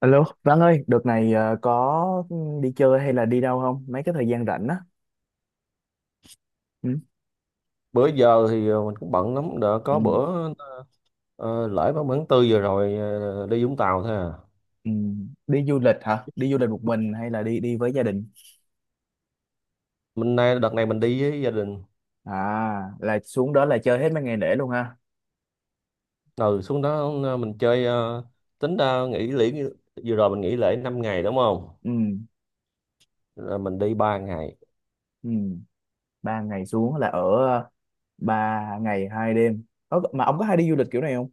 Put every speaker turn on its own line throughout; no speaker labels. Alo, Văn ơi, đợt này có đi chơi hay là đi đâu không? Mấy cái thời gian rảnh á. Ừ.
Bữa giờ thì mình cũng bận lắm. Đã
Ừ.
có bữa lễ 30/4 vừa rồi đi Vũng Tàu thôi à.
Ừ. Đi du lịch hả? Đi du lịch một mình hay là đi đi với gia đình?
Mình nay Đợt này mình đi với gia đình.
À, là xuống đó là chơi hết mấy ngày lễ luôn ha.
Ừ, xuống đó mình chơi, tính ra nghỉ lễ vừa rồi mình nghỉ lễ 5 ngày, đúng không?
Ừ.
Là mình đi 3 ngày.
Ừ. Ba ngày xuống là ở ờ, 3 ngày 2 đêm. Ơ, mà ông có hay đi du lịch kiểu này không?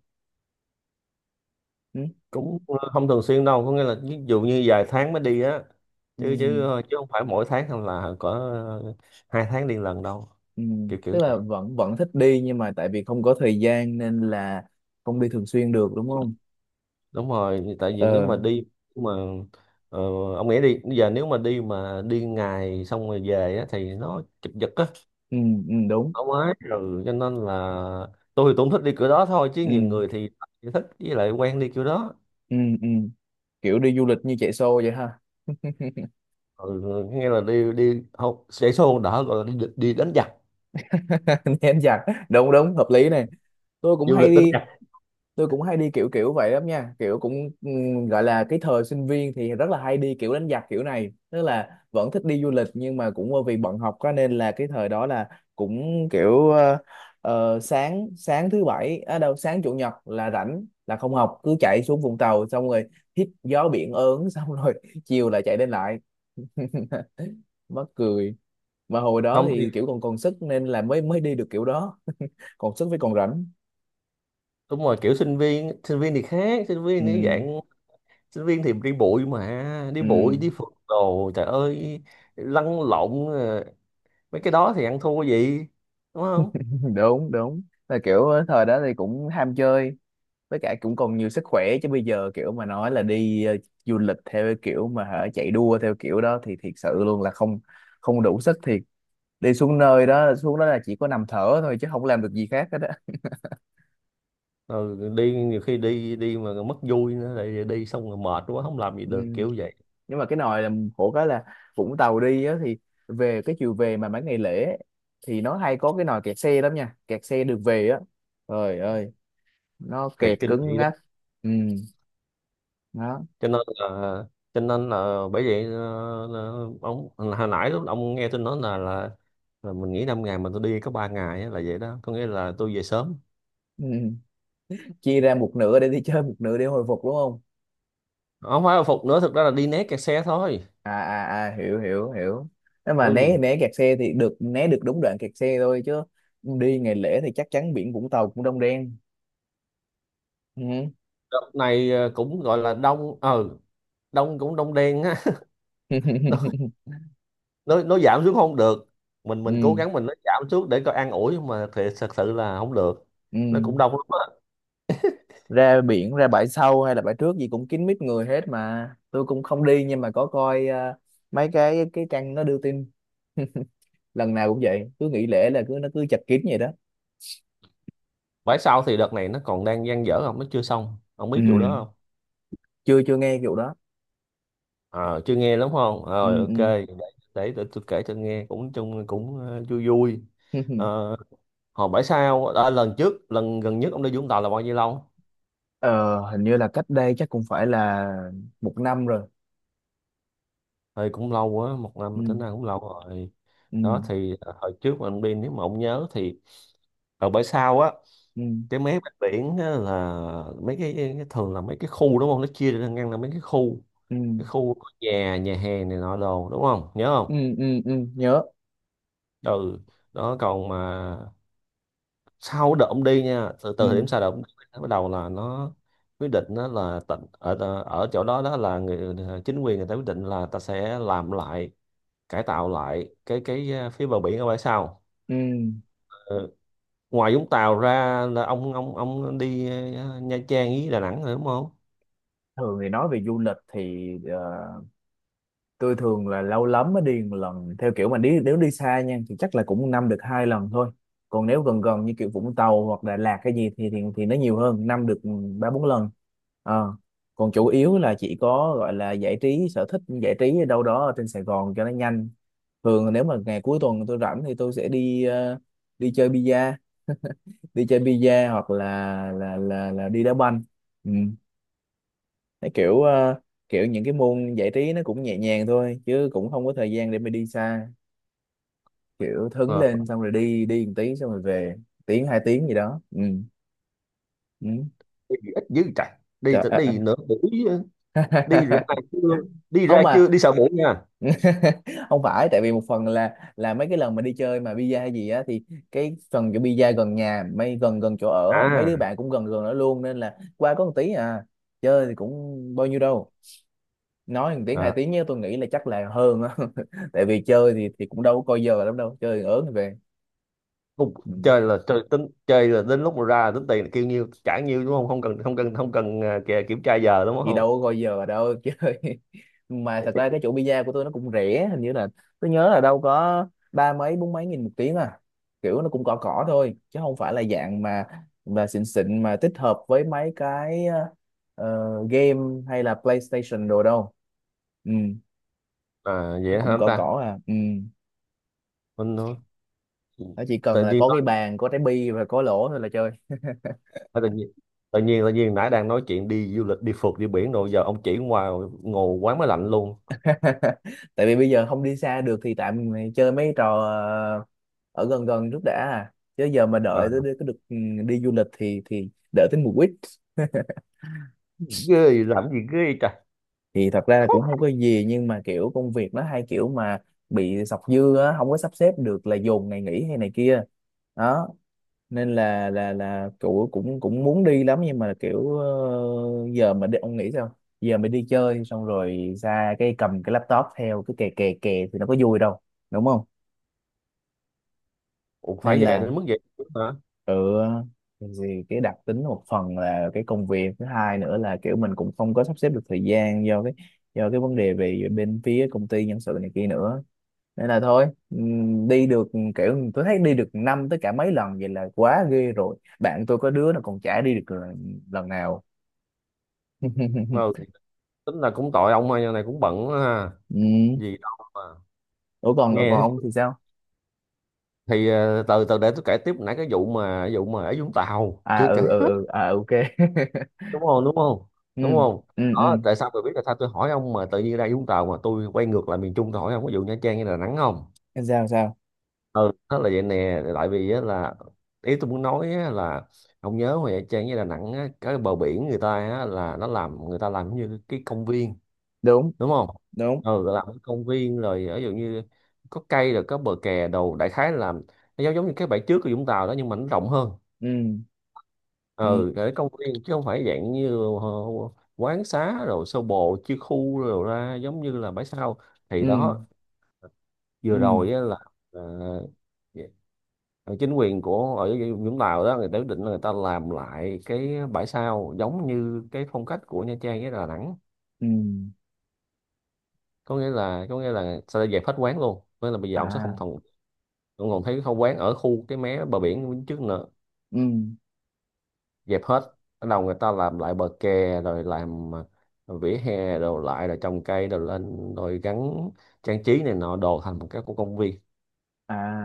Ừ.
Cũng không thường xuyên đâu, có nghĩa là ví dụ như vài tháng mới đi á.
Ừ.
Chứ chứ ờ, chứ không phải mỗi tháng hay là có 2 tháng đi lần đâu,
Ừ.
kiểu kiểu
Tức là
vậy.
vẫn vẫn thích đi nhưng mà tại vì không có thời gian nên là không đi thường xuyên được đúng không?
Đúng rồi, tại vì nếu
Ờ.
mà đi mà ờ, ông nghĩ đi bây giờ nếu mà đi ngày xong rồi về á, thì nó chụp giật á.
Ừ. Ừ. Đúng.
Không ấy, rồi cho nên là tôi thì tôi cũng thích đi kiểu đó thôi, chứ
Ừ.
nhiều người thì chỉ thích với lại quen đi kiểu đó.
Ừ. Ừ. Kiểu đi du lịch như chạy xô vậy ha.
Ừ, nghe là đi đi học sẽ xôn đỡ gọi là đi đánh giặc.
Nén giặc, đúng đúng, hợp lý này. tôi cũng
Du
hay
lịch đánh
đi
giặc.
tôi cũng hay đi kiểu kiểu vậy lắm nha, kiểu cũng gọi là cái thời sinh viên thì rất là hay đi kiểu đánh giặc kiểu này, tức là vẫn thích đi du lịch nhưng mà cũng bởi vì bận học quá nên là cái thời đó là cũng kiểu sáng sáng thứ bảy, à đâu, sáng chủ nhật là rảnh là không học cứ chạy xuống Vũng Tàu xong rồi hít gió biển ớn xong rồi chiều lại chạy đến lại mắc cười. Mà hồi đó
Không thì
thì kiểu còn còn sức nên là mới mới đi được kiểu đó. Còn sức với còn rảnh.
đúng rồi, kiểu sinh viên thì khác, sinh
Ừ.
viên thì dạng sinh viên thì đi bụi, mà đi
Ừ.
bụi đi phượt đồ trời ơi, lăn lộn, mấy cái đó thì ăn thua gì, đúng không?
Đúng đúng, là kiểu thời đó thì cũng ham chơi, với cả cũng còn nhiều sức khỏe. Chứ bây giờ kiểu mà nói là đi du lịch theo cái kiểu mà hả, chạy đua theo kiểu đó thì thiệt sự luôn là không không đủ sức thiệt. Đi xuống nơi đó, xuống đó là chỉ có nằm thở thôi chứ không làm được gì khác hết á.
Rồi đi nhiều khi đi đi mà mất vui nữa, lại đi xong rồi mệt quá không làm gì
Ừ.
được, kiểu vậy.
Nhưng mà cái nồi là khổ cái là Vũng Tàu đi á, thì về cái chiều về mà mấy ngày lễ ấy, thì nó hay có cái nồi kẹt xe lắm nha, kẹt xe được về á, trời ơi, nó
Cái
kẹt
kinh
cứng
dị đó.
ngắc. Ừ. Đó.
Cho nên là cho nên là bởi vậy là ông hồi nãy lúc ông nghe tôi nói là mình nghỉ 5 ngày mà tôi đi có 3 ngày á, là vậy đó, có nghĩa là tôi về sớm.
Ừ. Chia ra một nửa để đi chơi, một nửa để hồi phục đúng không?
Không phải là phục nữa, thực ra là đi né kẹt xe thôi.
À à à, hiểu hiểu hiểu. Nếu mà né
Ừ.
né kẹt xe thì được né được đúng đoạn kẹt xe thôi chứ. Đi ngày lễ thì chắc chắn biển Vũng Tàu cũng đông đen. Ừ.
Đợt này cũng gọi là đông, đông cũng đông đen á. Nó giảm xuống không được, mình cố
Ừ.
gắng, mình nó giảm xuống để coi an ủi nhưng mà thì thật sự là không được.
Ừ.
Nó cũng đông lắm á.
Ra biển, ra bãi sau hay là bãi trước gì cũng kín mít người hết. Mà tôi cũng không đi nhưng mà có coi mấy cái trang nó đưa tin, lần nào cũng vậy, cứ nghỉ lễ là cứ nó cứ chật kín vậy đó.
Phải sau thì đợt này nó còn đang dang dở không, nó chưa xong, không
Ừ.
biết vụ đó không?
Chưa chưa nghe vụ đó.
Ờ, chưa nghe lắm. Không,
Ừ.
rồi
Ừ.
ok, để tôi kể cho nghe, cũng chung cũng vui vui. Ờ, Hồi bãi sau à, lần trước lần gần nhất ông đi Vũng Tàu là bao nhiêu lâu?
ờ hình như là cách đây chắc cũng phải là một năm rồi.
Thì cũng lâu quá, một
Ừ.
năm tính ra cũng lâu rồi.
Ừ.
Đó thì hồi trước mà ông đi nếu mà ông nhớ thì ở bãi sau á,
Ừ.
cái mé bên biển á là cái thường là mấy cái khu, đúng không, nó chia ra ngăn là mấy cái khu.
Ừ.
Cái khu có nhà nhà hàng này nọ đồ, đúng không, nhớ không?
Ừ. Ừ, ừ. Nhớ.
Ừ, đó. Còn mà sau đợt ông đi nha, từ
Ừ.
từ thời điểm sau đợt ông đi nó bắt đầu là nó quyết định đó là tỉnh ở ở chỗ đó, đó là người chính quyền người ta quyết định là ta sẽ làm lại, cải tạo lại cái phía bờ biển ở bãi sau.
Ừ.
Ờ, Ngoài Vũng Tàu ra là ông đi Nha Trang với Đà Nẵng rồi, đúng không?
Thường thì nói về du lịch thì tôi thường là lâu lắm mới đi một lần, theo kiểu mà đi nếu đi xa nha thì chắc là cũng năm được hai lần thôi. Còn nếu gần, gần như kiểu Vũng Tàu hoặc Đà Lạt cái gì thì thì nó nhiều hơn, năm được 3 4 lần. Ờ. Còn chủ yếu là chỉ có gọi là giải trí, sở thích giải trí ở đâu đó ở trên Sài Gòn cho nó nhanh. Thường nếu mà ngày cuối tuần tôi rảnh thì tôi sẽ đi chơi bida đi chơi bida hoặc là là đi đá banh. Ừ. Thấy kiểu kiểu những cái môn giải trí nó cũng nhẹ nhàng thôi chứ cũng không có thời gian để mà đi xa, kiểu thấn
Ờ.
lên xong rồi đi đi một tí xong rồi về, tiếng hai tiếng gì đó. Ừ. Ừ.
Đi ít dữ trời. Đi
Trời.
thì
À.
đi nửa buổi á, đi ra
À.
trưa, đi
Không
ra chưa đi
mà
sau buổi nha.
không phải, tại vì một phần là mấy cái lần mà đi chơi mà pizza hay gì á, thì cái phần chỗ pizza gần nhà, mấy gần gần chỗ ở á, mấy
À,
đứa bạn cũng gần gần đó luôn, nên là qua có một tí à, chơi thì cũng bao nhiêu đâu, nói một tiếng hai
à
tiếng nhé, tôi nghĩ là chắc là hơn á. Tại vì chơi thì cũng đâu có coi giờ lắm đâu, chơi ớn về.
không,
Ừ.
chơi là chơi, tính chơi là đến lúc mà ra là tính tiền là kêu nhiêu trả nhiêu, đúng không, không cần, không cần, không cần, à, kìa, kiểm tra giờ, đúng
Thì đâu
không?
có coi giờ đâu, chơi. Mà thật ra cái chỗ pizza của tôi nó cũng rẻ, hình như là tôi nhớ là đâu có ba mấy bốn mấy nghìn một tiếng à, kiểu nó cũng cỏ cỏ thôi chứ không phải là dạng mà xịn xịn mà tích hợp với mấy cái game hay là PlayStation đồ đâu. Ừ.
À,
Nó
vậy hả
cũng
anh
cỏ
ta,
cỏ à. Ừ.
mình nói,
Nó chỉ cần
tự
là
nhiên
có
nói
cái bàn, có trái bi và có lỗ thôi là chơi.
à, tự nhiên nãy đang nói chuyện đi du lịch đi phượt đi biển, rồi giờ ông chỉ ngoài ngồi quán máy lạnh luôn.
Tại vì bây giờ không đi xa được thì tạm mày chơi mấy trò ở gần gần trước đã à, chứ giờ mà đợi
À,
tới được ừ, đi du lịch thì đợi tới mùa quýt.
ghê làm gì ghê trời.
Thì thật ra là
Khó.
cũng không có gì, nhưng mà kiểu công việc nó hay kiểu mà bị sọc dư á, không có sắp xếp được là dồn ngày nghỉ hay này kia. Đó. Nên là cậu cũng cũng muốn đi lắm, nhưng mà kiểu giờ mà đi ông nghĩ sao, giờ mà đi chơi xong rồi ra cái cầm cái laptop theo cái kè kè kè thì nó có vui đâu, đúng không?
Ủa, phải
Nên
vậy
là
đến mức vậy hả?
tự cái gì, cái đặc tính một phần là cái công việc, thứ hai nữa là kiểu mình cũng không có sắp xếp được thời gian do cái vấn đề về bên phía công ty nhân sự này kia nữa. Nên là thôi, đi được, kiểu tôi thấy đi được năm tới cả mấy lần vậy là quá ghê rồi, bạn tôi có đứa nó còn chả đi được lần lần nào.
Ờ, Tính là cũng tội ông ơi, này cũng bận quá ha,
Ừ.
gì đâu mà
Ủa, còn còn
nghe.
ông thì sao?
Thì từ từ để tôi kể tiếp nãy cái vụ mà ở Vũng Tàu
À,
chưa kể
ừ ừ
hết,
ừ, à, ok.
đúng không, đúng không,
Ừ.
đúng không?
Ừ. Ừ.
Đó tại sao tôi biết là sao tôi hỏi ông mà tự nhiên ra Vũng Tàu mà tôi quay ngược lại miền Trung, tôi hỏi ông có vụ Nha Trang hay Đà Nẵng không.
Sao sao?
Ừ, đó là vậy nè, tại vì á là ý tôi muốn nói á là ông nhớ hồi Nha Trang với Đà Nẵng á, cái bờ biển người ta á, là nó làm, người ta làm như cái công viên,
Đúng
đúng không?
đúng.
Ừ, làm ở công viên rồi, ví dụ như có cây rồi có bờ kè đồ, đại khái là nó giống giống như cái bãi trước của Vũng Tàu đó, nhưng mà nó rộng hơn.
Ừ. Ừ.
Ừ, để công viên chứ không phải dạng như quán xá rồi sơ bộ chia khu rồi ra giống như là bãi sau, thì
Ừ.
đó.
Ừ.
Vừa rồi á là ờ, ờ, chính quyền của ở Vũng Tàu đó người ta quyết định là người ta làm lại cái bãi sau giống như cái phong cách của Nha Trang với Đà Nẵng.
Ừ.
Có nghĩa là sẽ dẹp hết quán luôn, có nghĩa là bây giờ ông sẽ không
À.
còn không còn thấy không, quán ở khu cái mé bờ biển bên trước nữa,
Ừ.
dẹp hết. Bắt đầu người ta làm lại bờ kè rồi làm vỉa hè rồi lại rồi trồng cây rồi lên rồi gắn trang trí này nọ đồ thành một cái của công viên.
À,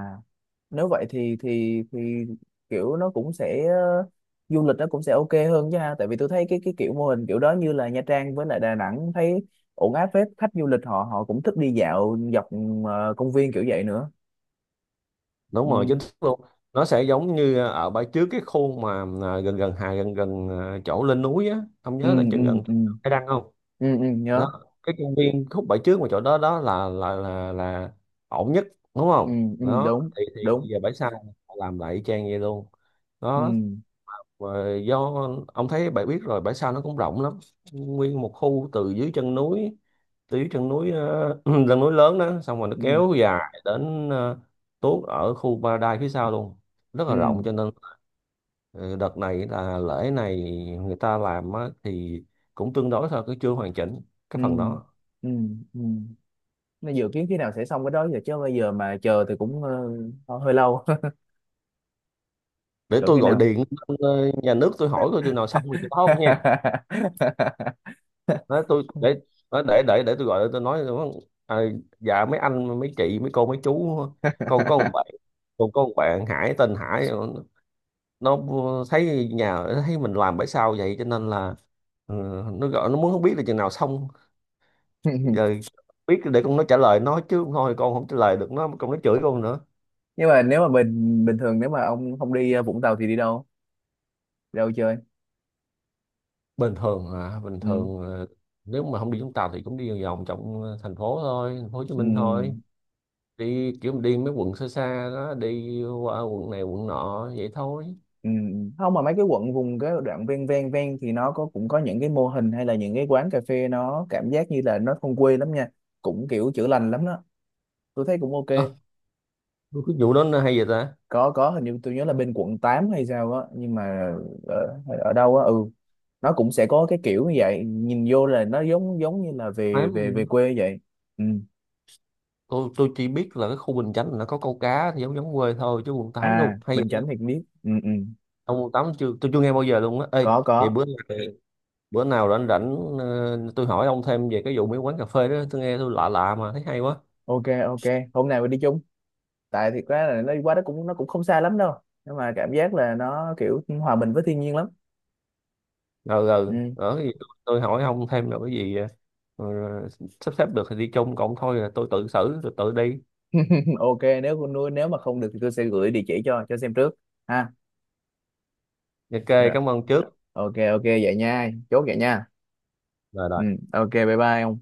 nếu vậy thì kiểu nó cũng sẽ du lịch nó cũng sẽ ok hơn chứ ha. Tại vì tôi thấy cái kiểu mô hình kiểu đó như là Nha Trang với lại Đà Nẵng, thấy ổn áp phết, khách du lịch họ họ cũng thích đi dạo dọc công viên kiểu vậy nữa. Ừ.
Đúng rồi, chính xác luôn. Nó sẽ giống như ở bãi trước cái khu mà gần gần gần gần chỗ lên núi á, ông
Ừ.
nhớ là
Ừ.
chừng gần
Ừ.
cái đăng không?
Ừ, ừ.
Đó,
Nhớ.
cái công viên khúc bãi trước mà chỗ đó đó là ổn nhất, đúng
Ừ.
không?
Ừ.
Đó
Đúng
thì bây
đúng.
giờ bãi sau họ làm lại y chang vậy luôn.
Ừ.
Đó, và do ông thấy, bạn biết rồi, bãi sau nó cũng rộng lắm, nguyên một khu từ dưới chân núi, từ dưới chân núi uh, chân núi lớn đó, xong rồi nó
Ừ.
kéo dài đến tuốt ở khu Paradise phía sau luôn, rất
Ừ.
là rộng. Cho nên ờ, đợt này là lễ này người ta làm á, thì cũng tương đối thôi, cứ chưa hoàn chỉnh
Ừ.
cái phần đó.
Ừ. Ừ. Nó dự kiến khi nào sẽ xong cái đó giờ, chứ bây giờ mà chờ thì cũng hơi lâu.
Để
Cỡ
tôi
khi
gọi
nào?
điện lên, nhà nước tôi hỏi coi chừng nào xong thì tôi báo ông nha. Nói tôi để nói để tôi gọi, tôi nói à, dạ mấy anh mấy chị mấy cô mấy chú, con có một bạn con có một bạn Hải tên Hải, nó thấy nhà thấy mình làm bãi sao vậy cho nên là, ừ, nó gọi nó muốn không biết là chừng nào xong giờ, biết để con nó trả lời nó chứ không thôi con không trả lời được nó, con nó chửi con nữa.
Nhưng mà nếu mà bình bình thường, nếu mà ông không đi Vũng Tàu thì đi đâu, đi đâu chơi?
Bình thường à,
Ừ.
nếu mà không đi chúng ta thì cũng đi vòng vòng trong thành phố thôi, thành phố Hồ Chí
Ừ.
Minh thôi, đi kiểu đi mấy quận xa xa đó, đi qua quận này quận nọ vậy thôi.
Ừ. Không mà mấy cái quận vùng cái đoạn ven ven ven thì nó có, cũng có những cái mô hình hay là những cái quán cà phê, nó cảm giác như là nó thôn quê lắm nha, cũng kiểu chữa lành lắm đó, tôi thấy cũng ok.
Ờ, cái vụ đó nó hay vậy ta.
Có, hình như tôi nhớ là bên quận 8 hay sao á, nhưng mà ở đâu á. Ừ. Nó cũng sẽ có cái kiểu như vậy, nhìn vô là nó giống giống như là về
Thám,
về về quê vậy. Ừ.
tôi chỉ biết là cái khu Bình Chánh là có câu cá thì giống giống quê thôi, chứ quận 8
À,
đâu hay
Bình Chánh
vậy.
thì biết. Ừ, ừ.
Ông quận 8 chưa, tôi chưa nghe bao giờ luôn á, ê.
Có
Vậy
có.
bữa nào rảnh rảnh tôi hỏi ông thêm về cái vụ mấy quán cà phê đó, tôi nghe tôi lạ lạ mà thấy hay quá.
Ok ok, hôm nào mình đi chung. Tại thiệt ra là nó đi qua đó cũng, nó cũng không xa lắm đâu, nhưng mà cảm giác là nó kiểu hòa mình với thiên nhiên lắm.
Rồi rồi
Ừ.
ở cái gì tôi hỏi ông thêm rồi cái gì ờ, sắp xếp được thì đi chung, cộng thôi là tôi tự xử tôi tự đi.
Ok, nếu con nuôi, nếu mà không được thì tôi sẽ gửi địa chỉ cho xem trước ha.
Ok,
Rồi.
cảm ơn trước.
Ok ok, vậy nha, chốt vậy nha.
Rồi,
Ừ.
rồi.
Ok, bye bye ông.